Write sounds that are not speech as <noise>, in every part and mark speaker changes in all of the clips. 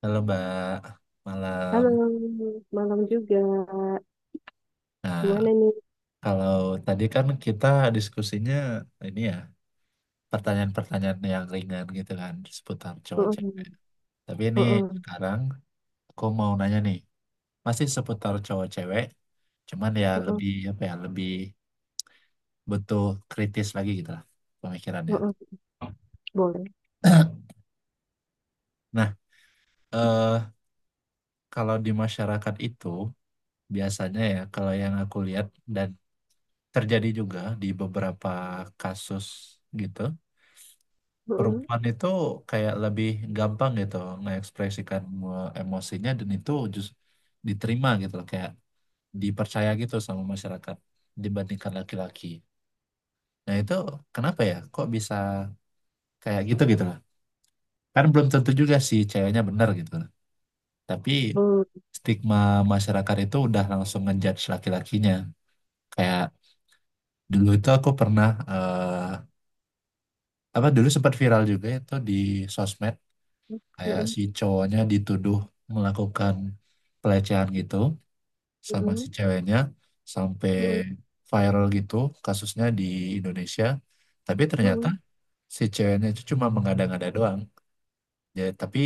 Speaker 1: Halo Mbak, malam.
Speaker 2: Halo, malam juga.
Speaker 1: Nah,
Speaker 2: Gimana nih?
Speaker 1: kalau tadi kan kita diskusinya ini ya, pertanyaan-pertanyaan yang ringan gitu kan, seputar cowok-cewek.
Speaker 2: Heeh,
Speaker 1: Tapi ini
Speaker 2: heeh,
Speaker 1: sekarang aku mau nanya nih, masih seputar cowok-cewek, cuman ya
Speaker 2: heeh,
Speaker 1: lebih apa ya, lebih butuh kritis lagi gitu lah pemikirannya.
Speaker 2: heeh. Boleh.
Speaker 1: <clears throat> Nah, eh, kalau di masyarakat itu biasanya ya kalau yang aku lihat dan terjadi juga di beberapa kasus gitu,
Speaker 2: Heeh,
Speaker 1: perempuan itu kayak lebih gampang gitu mengekspresikan, emosinya, dan itu justru diterima gitu loh, kayak dipercaya gitu sama masyarakat dibandingkan laki-laki. Nah itu kenapa ya kok bisa kayak gitu gitu loh? Kan belum tentu juga sih ceweknya benar gitu loh. Tapi
Speaker 2: heeh,
Speaker 1: stigma masyarakat itu udah langsung ngejudge laki-lakinya. Kayak dulu itu aku pernah, apa, dulu sempat viral juga itu di sosmed, kayak
Speaker 2: heeh,
Speaker 1: si cowoknya dituduh melakukan pelecehan gitu sama
Speaker 2: heeh,
Speaker 1: si ceweknya sampai
Speaker 2: heeh,
Speaker 1: viral gitu kasusnya di Indonesia, tapi ternyata
Speaker 2: heeh.
Speaker 1: si ceweknya itu cuma mengada-ngada doang. Jadi tapi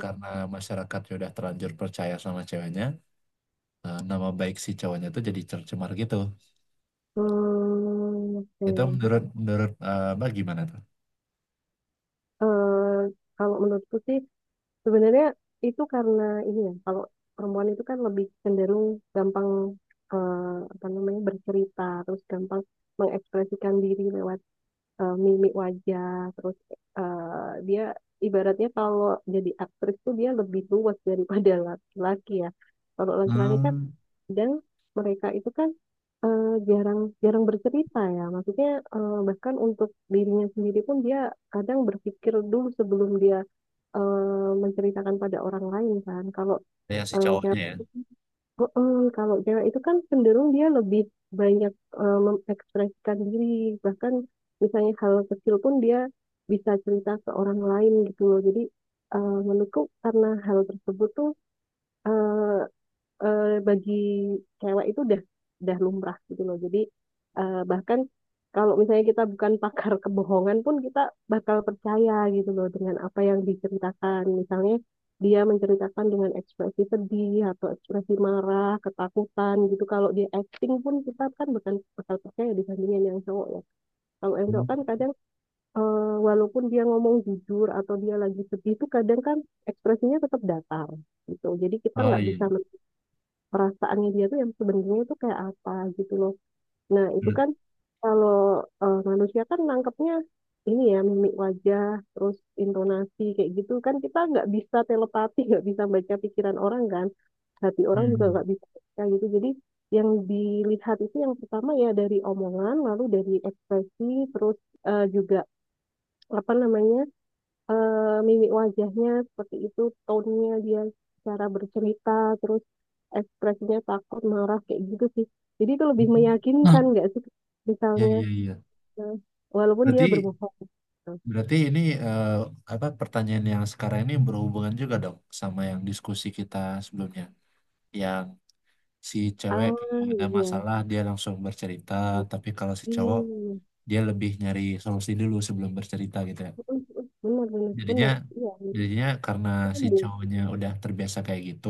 Speaker 1: karena masyarakat sudah terlanjur percaya sama ceweknya, nama baik si cowoknya itu jadi tercemar gitu.
Speaker 2: Hmm,
Speaker 1: Itu
Speaker 2: oke.
Speaker 1: menurut menurut, Mbak, gimana tuh?
Speaker 2: Eh, Kalau menurutku sih sebenarnya itu karena ini ya, kalau perempuan itu kan lebih cenderung gampang, eh, apa namanya, bercerita, terus gampang mengekspresikan diri lewat mimik wajah, terus eh, dia ibaratnya kalau jadi aktris tuh dia lebih luas daripada <laughs> laki-laki ya, kalau laki-laki kan,
Speaker 1: Hmm.
Speaker 2: dan mereka itu kan jarang jarang bercerita ya, maksudnya bahkan untuk dirinya sendiri pun dia kadang berpikir dulu sebelum dia menceritakan pada orang lain kan. Kalau
Speaker 1: Ya si
Speaker 2: cewek,
Speaker 1: cowoknya ya.
Speaker 2: kalau cewek itu kan cenderung dia lebih banyak mengekspresikan diri, bahkan misalnya hal kecil pun dia bisa cerita ke orang lain gitu loh. Jadi menurutku karena hal tersebut tuh bagi cewek itu udah lumrah gitu loh. Jadi bahkan kalau misalnya kita bukan <laughs> pakar kebohongan pun kita bakal percaya gitu loh dengan apa yang diceritakan. Misalnya dia menceritakan dengan ekspresi sedih atau ekspresi marah, ketakutan gitu. Kalau dia acting pun kita kan bukan bakal percaya dibandingin yang cowok ya. Kalau yang
Speaker 1: Hmm.
Speaker 2: cowok kan kadang walaupun dia ngomong jujur atau dia lagi sedih itu kadang kan ekspresinya tetap datar gitu. Jadi kita
Speaker 1: Oh
Speaker 2: nggak
Speaker 1: iya.
Speaker 2: bisa perasaannya dia tuh yang sebenarnya itu kayak apa gitu loh. Nah, itu
Speaker 1: Menurut-
Speaker 2: kan kalau manusia kan nangkepnya ini ya, mimik wajah, terus intonasi kayak gitu kan, kita nggak bisa telepati, nggak bisa baca pikiran orang kan. Hati orang juga
Speaker 1: Hmm.
Speaker 2: nggak bisa baca gitu. Jadi yang dilihat itu yang pertama ya dari omongan, lalu dari ekspresi, terus juga apa namanya mimik wajahnya seperti itu, tone-nya dia, cara bercerita, terus ekspresinya takut, marah, kayak gitu sih. Jadi itu lebih
Speaker 1: Nah,
Speaker 2: meyakinkan nggak sih,
Speaker 1: iya,
Speaker 2: misalnya
Speaker 1: iya, iya.
Speaker 2: eh, walaupun dia
Speaker 1: Berarti
Speaker 2: berbohong gitu.
Speaker 1: Berarti ini, apa, pertanyaan yang sekarang ini berhubungan juga dong sama yang diskusi kita sebelumnya. Yang si
Speaker 2: Ah
Speaker 1: cewek kalau ada
Speaker 2: iya,
Speaker 1: masalah dia langsung bercerita, tapi kalau si cowok
Speaker 2: iya,
Speaker 1: dia lebih nyari solusi dulu sebelum bercerita gitu ya.
Speaker 2: benar, benar,
Speaker 1: Jadinya
Speaker 2: benar, iya,
Speaker 1: jadinya karena si
Speaker 2: benar.
Speaker 1: cowoknya udah terbiasa kayak gitu,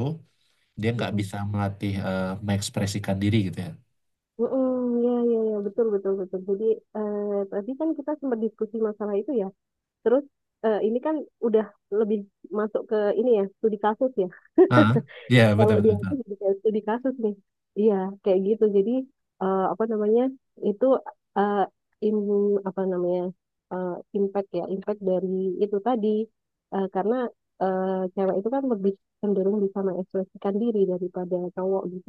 Speaker 1: dia nggak
Speaker 2: Mm-mm.
Speaker 1: bisa melatih, mengekspresikan diri gitu ya.
Speaker 2: Mm-mm, iya, iya, iya, betul, betul, betul. Jadi, eh, tadi kan kita sempat diskusi masalah itu ya. Terus, ini kan udah lebih masuk ke ini ya, studi kasus ya.
Speaker 1: Ah, iya, betul,
Speaker 2: Kalau di
Speaker 1: betul,
Speaker 2: aku
Speaker 1: betul.
Speaker 2: jadi kayak studi kasus nih, iya, kayak gitu. Jadi apa namanya, itu eh, im apa namanya, eh, impact ya, impact dari itu tadi. Karena eh, cewek itu kan lebih cenderung bisa mengekspresikan diri daripada cowok gitu,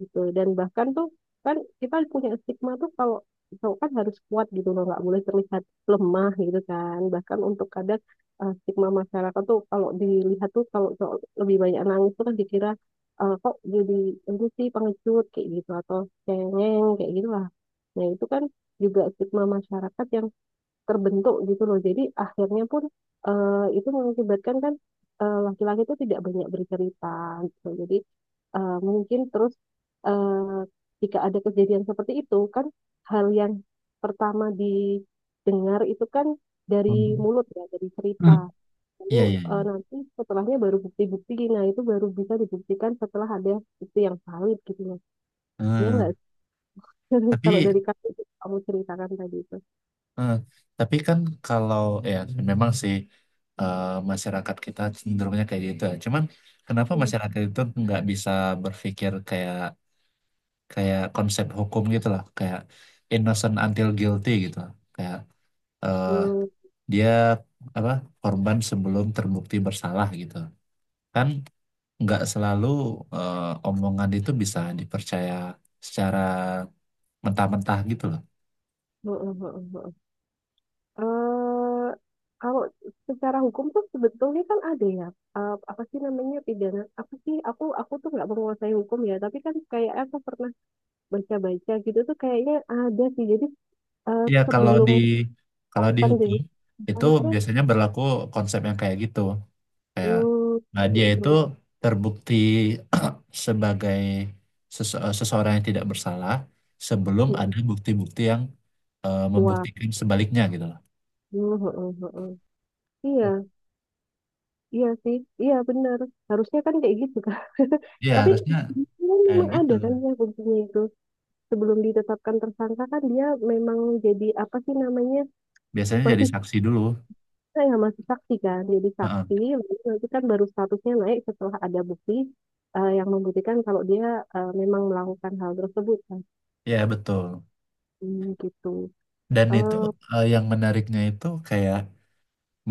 Speaker 2: gitu. Dan bahkan tuh kan kita punya stigma tuh, kalau cowok kan harus kuat gitu loh, nggak boleh terlihat lemah gitu kan. Bahkan untuk kadang stigma masyarakat tuh kalau dilihat tuh kalau cowok lebih banyak nangis tuh kan dikira kok jadi ini sih, pengecut kayak gitu, atau cengeng kayak gitu lah. Nah itu kan juga stigma masyarakat yang terbentuk gitu loh. Jadi akhirnya pun eh, itu mengakibatkan kan laki-laki itu tidak banyak bercerita gitu. Jadi mungkin terus eh, jika ada kejadian seperti itu kan, hal yang pertama didengar itu kan dari mulut ya, dari cerita.
Speaker 1: Hmm.
Speaker 2: Lalu
Speaker 1: Iya, iya, iya.
Speaker 2: nanti setelahnya baru bukti-bukti. Nah, itu baru bisa dibuktikan setelah ada bukti yang valid gitu loh. Ya
Speaker 1: Eh,
Speaker 2: nggak sih? <laughs> Kalau
Speaker 1: tapi
Speaker 2: dari kasus yang kamu ceritakan tadi itu.
Speaker 1: Eh, tapi kan kalau ya memang sih, eh, masyarakat kita cenderungnya kayak gitu ya. Cuman kenapa
Speaker 2: Hmm.
Speaker 1: masyarakat itu nggak bisa berpikir kayak kayak konsep hukum gitu loh, kayak innocent until guilty gitu loh. Kayak, eh,
Speaker 2: Hmm,
Speaker 1: dia apa korban sebelum terbukti bersalah gitu. Kan nggak selalu, eh, omongan itu bisa dipercaya secara mentah-mentah gitu loh.
Speaker 2: hmm, hmm, hmm, hmm. eh Kalau secara hukum tuh sebetulnya kan ada ya, apa sih namanya, pidana apa sih, aku tuh nggak menguasai hukum ya, tapi kan kayak aku pernah baca-baca gitu tuh kayaknya ada sih. Jadi
Speaker 1: Iya, kalau
Speaker 2: sebelum
Speaker 1: di kalau di
Speaker 2: kan
Speaker 1: hukum
Speaker 2: jadi tersangka
Speaker 1: itu
Speaker 2: itu kan,
Speaker 1: biasanya berlaku konsep yang kayak gitu. Kayak nah dia itu terbukti <clears throat> sebagai seseorang yang tidak bersalah sebelum ada bukti-bukti yang,
Speaker 2: <laughs> wah,
Speaker 1: membuktikan sebaliknya gitu loh.
Speaker 2: <laughs> iya, iya sih, iya, benar, harusnya kan kayak gitu kan. <laughs>
Speaker 1: Iya,
Speaker 2: Tapi
Speaker 1: harusnya
Speaker 2: dia
Speaker 1: kayak
Speaker 2: memang
Speaker 1: gitu.
Speaker 2: ada kan ya, fungsinya itu sebelum ditetapkan tersangka kan, dia memang jadi apa sih namanya,
Speaker 1: Biasanya jadi
Speaker 2: masih
Speaker 1: saksi dulu.
Speaker 2: kita yang masih saksi kan, jadi
Speaker 1: Heeh.
Speaker 2: saksi, lalu nanti kan baru statusnya naik setelah ada bukti yang membuktikan kalau dia memang melakukan hal tersebut kan.
Speaker 1: Iya, betul.
Speaker 2: Hmm, gitu.
Speaker 1: Dan itu,
Speaker 2: eh
Speaker 1: yang menariknya itu kayak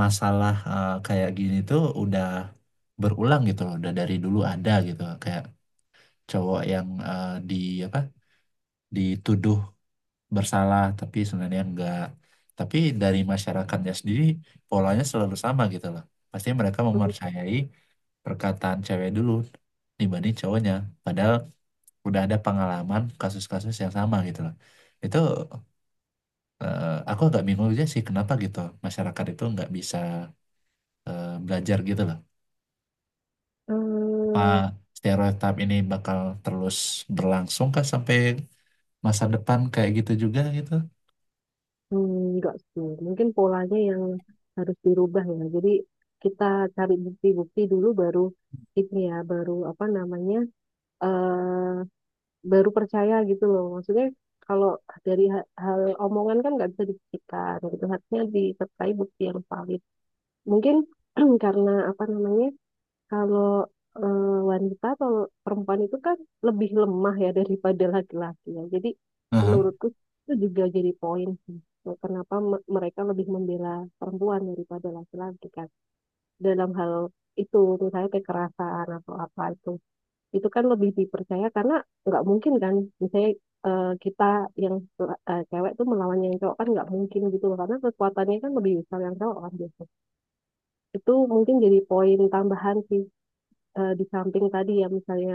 Speaker 1: masalah, kayak gini tuh udah berulang gitu loh, udah dari dulu ada gitu kayak cowok yang, di apa, dituduh bersalah tapi sebenarnya enggak. Tapi dari masyarakatnya sendiri polanya selalu sama gitu loh. Pasti mereka mempercayai perkataan cewek dulu dibanding cowoknya, padahal udah ada pengalaman kasus-kasus yang sama gitu loh. Itu, aku agak bingung aja sih kenapa gitu masyarakat itu nggak bisa, belajar gitu loh. Apa
Speaker 2: eh,
Speaker 1: stereotip ini bakal terus berlangsung kah sampai masa depan kayak gitu juga gitu?
Speaker 2: hmm, enggak sih, mungkin polanya yang harus dirubah ya. Jadi kita cari bukti-bukti dulu baru ini ya, baru apa namanya, eh, baru percaya gitu loh. Maksudnya kalau dari hal, omongan kan nggak bisa dibuktikan gitu. Harusnya disertai bukti yang valid. Mungkin <clears throat> karena apa namanya, kalau eh, wanita atau perempuan itu kan lebih lemah ya daripada laki-laki ya. Jadi
Speaker 1: Aha.
Speaker 2: menurutku itu juga jadi poin sih. Kenapa mereka lebih membela perempuan daripada laki-laki kan, dalam hal itu misalnya kekerasan atau apa, itu kan lebih dipercaya karena nggak mungkin kan misalnya kita yang cewek tuh melawan yang cowok kan nggak mungkin gitu loh, karena kekuatannya kan lebih besar yang cowok kan biasanya. Itu mungkin jadi poin tambahan sih, di samping tadi ya, misalnya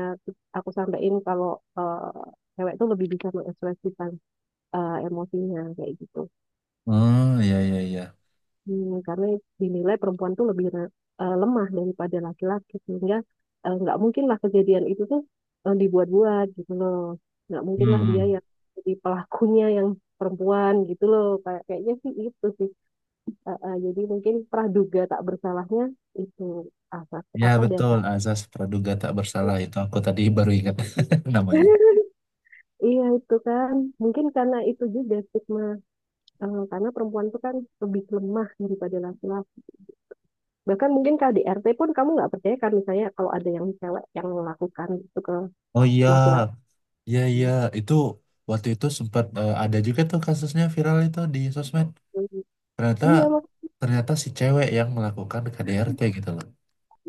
Speaker 2: aku sampein kalau eh, cewek tuh lebih bisa mengekspresikan emosinya kayak gitu.
Speaker 1: Oh iya, iya, iya.
Speaker 2: Hmm, karena dinilai perempuan tuh lebih lemah daripada laki-laki, sehingga nggak mungkin lah kejadian itu tuh dibuat-buat gitu loh. Nggak mungkin lah dia
Speaker 1: Hmm.
Speaker 2: yang jadi pelakunya yang perempuan gitu loh, kayak kayaknya sih itu sih. Jadi mungkin praduga tak bersalahnya itu asas
Speaker 1: Ya
Speaker 2: apa
Speaker 1: betul,
Speaker 2: dasar.
Speaker 1: azas praduga tak bersalah itu aku tadi baru ingat <laughs> namanya.
Speaker 2: <laughs> Iya itu kan mungkin karena itu juga stigma, karena perempuan tuh kan lebih lemah daripada laki-laki, bahkan mungkin KDRT pun kamu nggak percaya kan misalnya kalau ada yang cewek yang melakukan itu ke
Speaker 1: Oh iya,
Speaker 2: laki-laki.
Speaker 1: iya, iya,
Speaker 2: Hmm.
Speaker 1: itu waktu itu sempat, ada juga tuh kasusnya viral itu di sosmed. Ternyata
Speaker 2: Iya mak,
Speaker 1: ternyata si cewek yang melakukan KDRT gitu loh.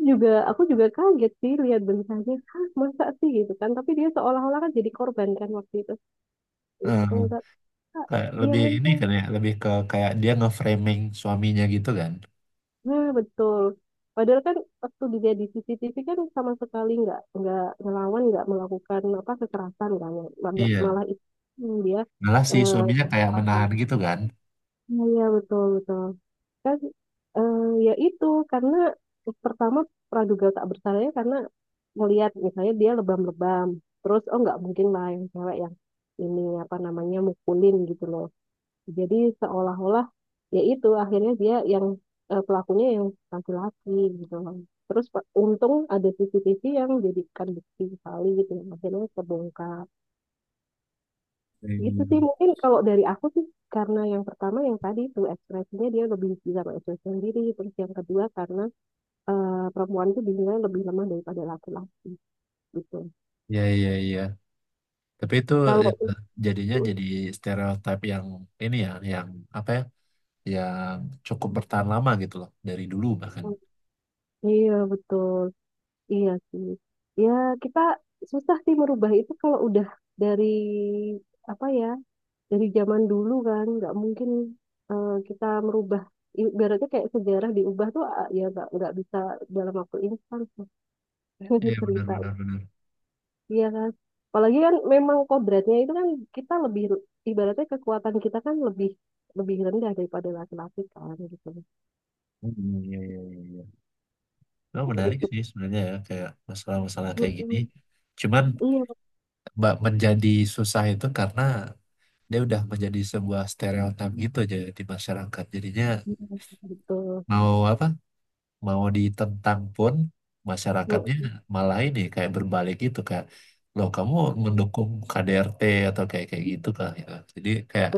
Speaker 2: juga aku juga kaget sih lihat bentuknya, hah masa sih gitu kan, tapi dia seolah-olah kan jadi korban kan waktu itu. Itu
Speaker 1: Eh, Kayak
Speaker 2: iya
Speaker 1: lebih ini
Speaker 2: memang,
Speaker 1: kan ya, lebih ke kayak dia nge-framing suaminya gitu kan.
Speaker 2: nah betul, padahal kan waktu dia di CCTV kan sama sekali nggak ngelawan, nggak melakukan apa kekerasan kan, malah
Speaker 1: Iya.
Speaker 2: malah itu dia
Speaker 1: Malah si
Speaker 2: eh,
Speaker 1: suaminya kayak menahan gitu kan.
Speaker 2: iya, iya, betul, betul. Kan eh, ya itu karena pertama praduga tak bersalahnya karena melihat misalnya dia lebam-lebam terus, oh nggak mungkin lah yang cewek yang ini apa namanya mukulin gitu loh. Jadi seolah-olah ya itu akhirnya dia yang pelakunya yang laki-laki gitu loh. Terus untung ada CCTV yang jadikan bukti kali gitu, akhirnya terbongkar. Gitu sih
Speaker 1: Hmm,
Speaker 2: mungkin kalau dari aku sih, karena yang pertama yang tadi itu ekspresinya dia lebih bisa mengekspresi sendiri, terus yang kedua karena perempuan itu dinilai lebih lemah daripada laki-laki gitu.
Speaker 1: iya, iya, iya. Tapi itu ya,
Speaker 2: Kalau
Speaker 1: jadinya jadi stereotip yang ini ya, yang apa ya, yang cukup bertahan lama gitu loh, dari dulu bahkan.
Speaker 2: iya betul, iya sih, ya kita susah sih merubah itu kalau udah dari apa ya, dari zaman dulu kan nggak mungkin kita merubah, ibaratnya kayak sejarah diubah tuh ah, ya nggak bisa dalam waktu instan.
Speaker 1: Iya,
Speaker 2: <laughs>
Speaker 1: benar,
Speaker 2: Cerita.
Speaker 1: benar, benar.
Speaker 2: Iya kan? Apalagi kan memang kodratnya itu kan kita lebih, ibaratnya kekuatan kita kan lebih lebih rendah daripada laki-laki kan gitu.
Speaker 1: Hmm, iya, iya, iya, iya. Oh, menarik
Speaker 2: Gitu.
Speaker 1: sih sebenarnya ya, kayak masalah-masalah kayak gini.
Speaker 2: Mm-mm.
Speaker 1: Cuman
Speaker 2: Iya,
Speaker 1: Mbak, menjadi susah itu karena dia udah menjadi sebuah stereotip gitu aja di masyarakat. Jadinya
Speaker 2: gitu.
Speaker 1: mau apa? Mau ditentang pun masyarakatnya malah ini kayak berbalik gitu kayak loh, kamu mendukung KDRT atau kayak kayak gitu kan gitu. Jadi kayak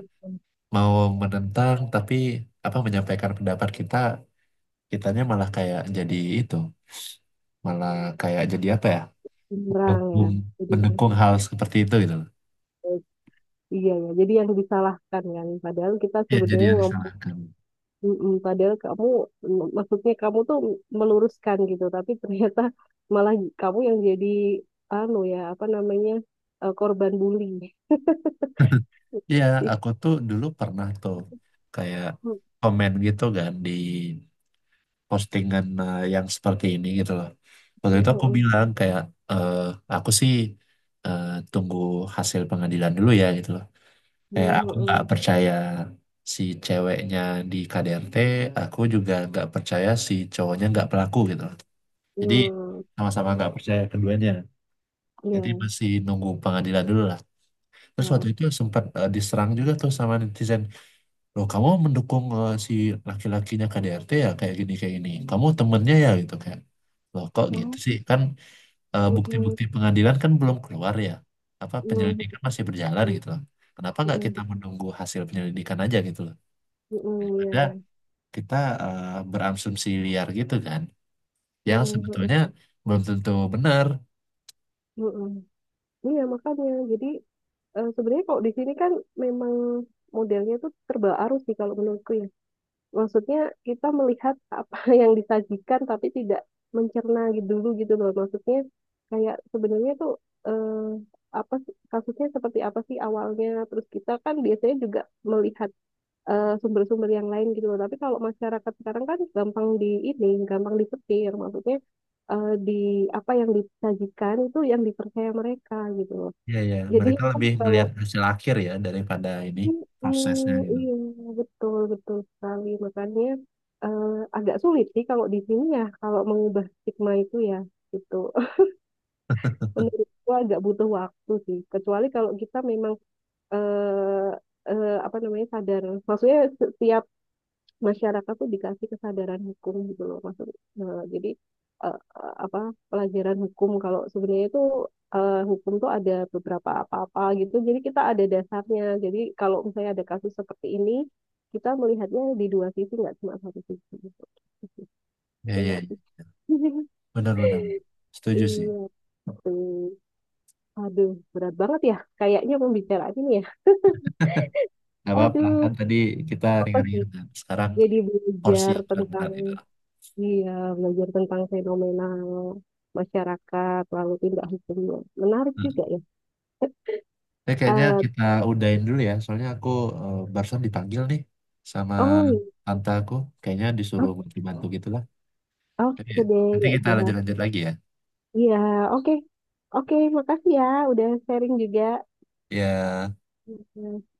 Speaker 1: mau menentang, tapi apa, menyampaikan pendapat kita, kitanya malah kayak jadi itu, malah kayak jadi apa ya,
Speaker 2: Kurang ya.
Speaker 1: mendukung
Speaker 2: Jadi
Speaker 1: mendukung hal seperti itu gitu loh.
Speaker 2: iya ya. Jadi yang disalahkan kan padahal kita
Speaker 1: Ya jadi
Speaker 2: sebenarnya
Speaker 1: yang
Speaker 2: ngomong,
Speaker 1: disalahkan. <laughs>
Speaker 2: mm-mm. Padahal kamu, mm, maksudnya kamu tuh meluruskan gitu, tapi ternyata malah kamu yang jadi anu ya, apa namanya, korban bully.
Speaker 1: Iya, aku tuh dulu pernah tuh kayak komen gitu kan di postingan, yang seperti ini gitu loh. Waktu itu aku
Speaker 2: <laughs>
Speaker 1: bilang kayak, eh, aku sih, eh, tunggu hasil pengadilan dulu ya gitu loh. Kayak aku nggak
Speaker 2: Mhm,
Speaker 1: percaya si ceweknya di KDRT, aku juga nggak percaya si cowoknya nggak pelaku gitu loh. Jadi
Speaker 2: mhm,
Speaker 1: sama-sama
Speaker 2: mhm.
Speaker 1: nggak percaya keduanya. Jadi
Speaker 2: Iya,
Speaker 1: masih nunggu pengadilan dulu lah. Terus waktu
Speaker 2: heeh.
Speaker 1: itu sempat, diserang juga tuh sama netizen, loh kamu mendukung, si laki-lakinya KDRT ya, kayak gini kayak gini, kamu temennya ya gitu, kayak loh kok gitu
Speaker 2: Oh,
Speaker 1: sih, kan,
Speaker 2: mhm,
Speaker 1: bukti-bukti pengadilan kan belum keluar ya, apa
Speaker 2: mhm,
Speaker 1: penyelidikan masih berjalan gitu loh, kenapa nggak
Speaker 2: mhm,
Speaker 1: kita menunggu hasil penyelidikan aja gitu loh,
Speaker 2: mhm,
Speaker 1: daripada
Speaker 2: iya.
Speaker 1: kita, berasumsi liar gitu kan, yang
Speaker 2: Mhm, mhm,
Speaker 1: sebetulnya belum tentu benar.
Speaker 2: mhm. Iya, makanya. Jadi sebenarnya kalau di sini kan memang modelnya tuh serba arus sih kalau menurutku ya. Maksudnya kita melihat apa <laughs> yang disajikan tapi tidak mencerna gitu dulu gitu loh. Maksudnya kayak sebenarnya tuh eh, kasusnya seperti apa sih awalnya. Terus kita kan biasanya juga melihat sumber-sumber yang lain gitu loh. Tapi kalau masyarakat sekarang kan gampang di ini, gampang disetir, maksudnya di apa yang disajikan itu yang dipercaya mereka gitu loh.
Speaker 1: Ya, ya,
Speaker 2: Jadi
Speaker 1: mereka
Speaker 2: kan
Speaker 1: lebih
Speaker 2: kalau
Speaker 1: melihat hasil akhir ya daripada ini prosesnya
Speaker 2: mm,
Speaker 1: gitu.
Speaker 2: iya, betul betul sekali. Makanya eh, agak sulit sih kalau di sini ya kalau mengubah stigma itu ya gitu. <laughs> Menurutku agak butuh waktu sih. Kecuali kalau kita memang eh apa namanya, sadar. Maksudnya setiap masyarakat tuh dikasih kesadaran hukum gitu loh, maksud jadi apa, pelajaran hukum, kalau sebenarnya itu hukum tuh ada beberapa apa-apa gitu, jadi kita ada dasarnya. Jadi kalau misalnya ada kasus seperti ini, kita melihatnya di dua sisi, nggak cuma satu sisi gitu,
Speaker 1: Ya,
Speaker 2: ya
Speaker 1: ya,
Speaker 2: nggak sih? <laughs>
Speaker 1: benar-benar setuju sih.
Speaker 2: Iya, aduh, berat banget ya kayaknya pembicaraan ini ya,
Speaker 1: Nggak apa-apa,
Speaker 2: aduh,
Speaker 1: kan tadi kita
Speaker 2: apa sih,
Speaker 1: ringan-ringan. Sekarang
Speaker 2: jadi
Speaker 1: porsi
Speaker 2: belajar
Speaker 1: yang
Speaker 2: tentang,
Speaker 1: berat-berat itu.
Speaker 2: iya, belajar tentang fenomena masyarakat, lalu tindak hukumnya. Menarik
Speaker 1: Nah,
Speaker 2: juga ya.
Speaker 1: kayaknya
Speaker 2: Eh,
Speaker 1: kita udahin dulu ya, soalnya aku, barusan dipanggil nih sama
Speaker 2: oh, iya.
Speaker 1: tante aku. Kayaknya disuruh
Speaker 2: O-
Speaker 1: bantu-bantu gitu lah. Jadi,
Speaker 2: oke deh,
Speaker 1: nanti
Speaker 2: ya
Speaker 1: kita
Speaker 2: udah.
Speaker 1: lanjut-lanjut lagi ya.
Speaker 2: Iya, oke. Oke, makasih ya, udah sharing juga.
Speaker 1: Ya.
Speaker 2: Iya.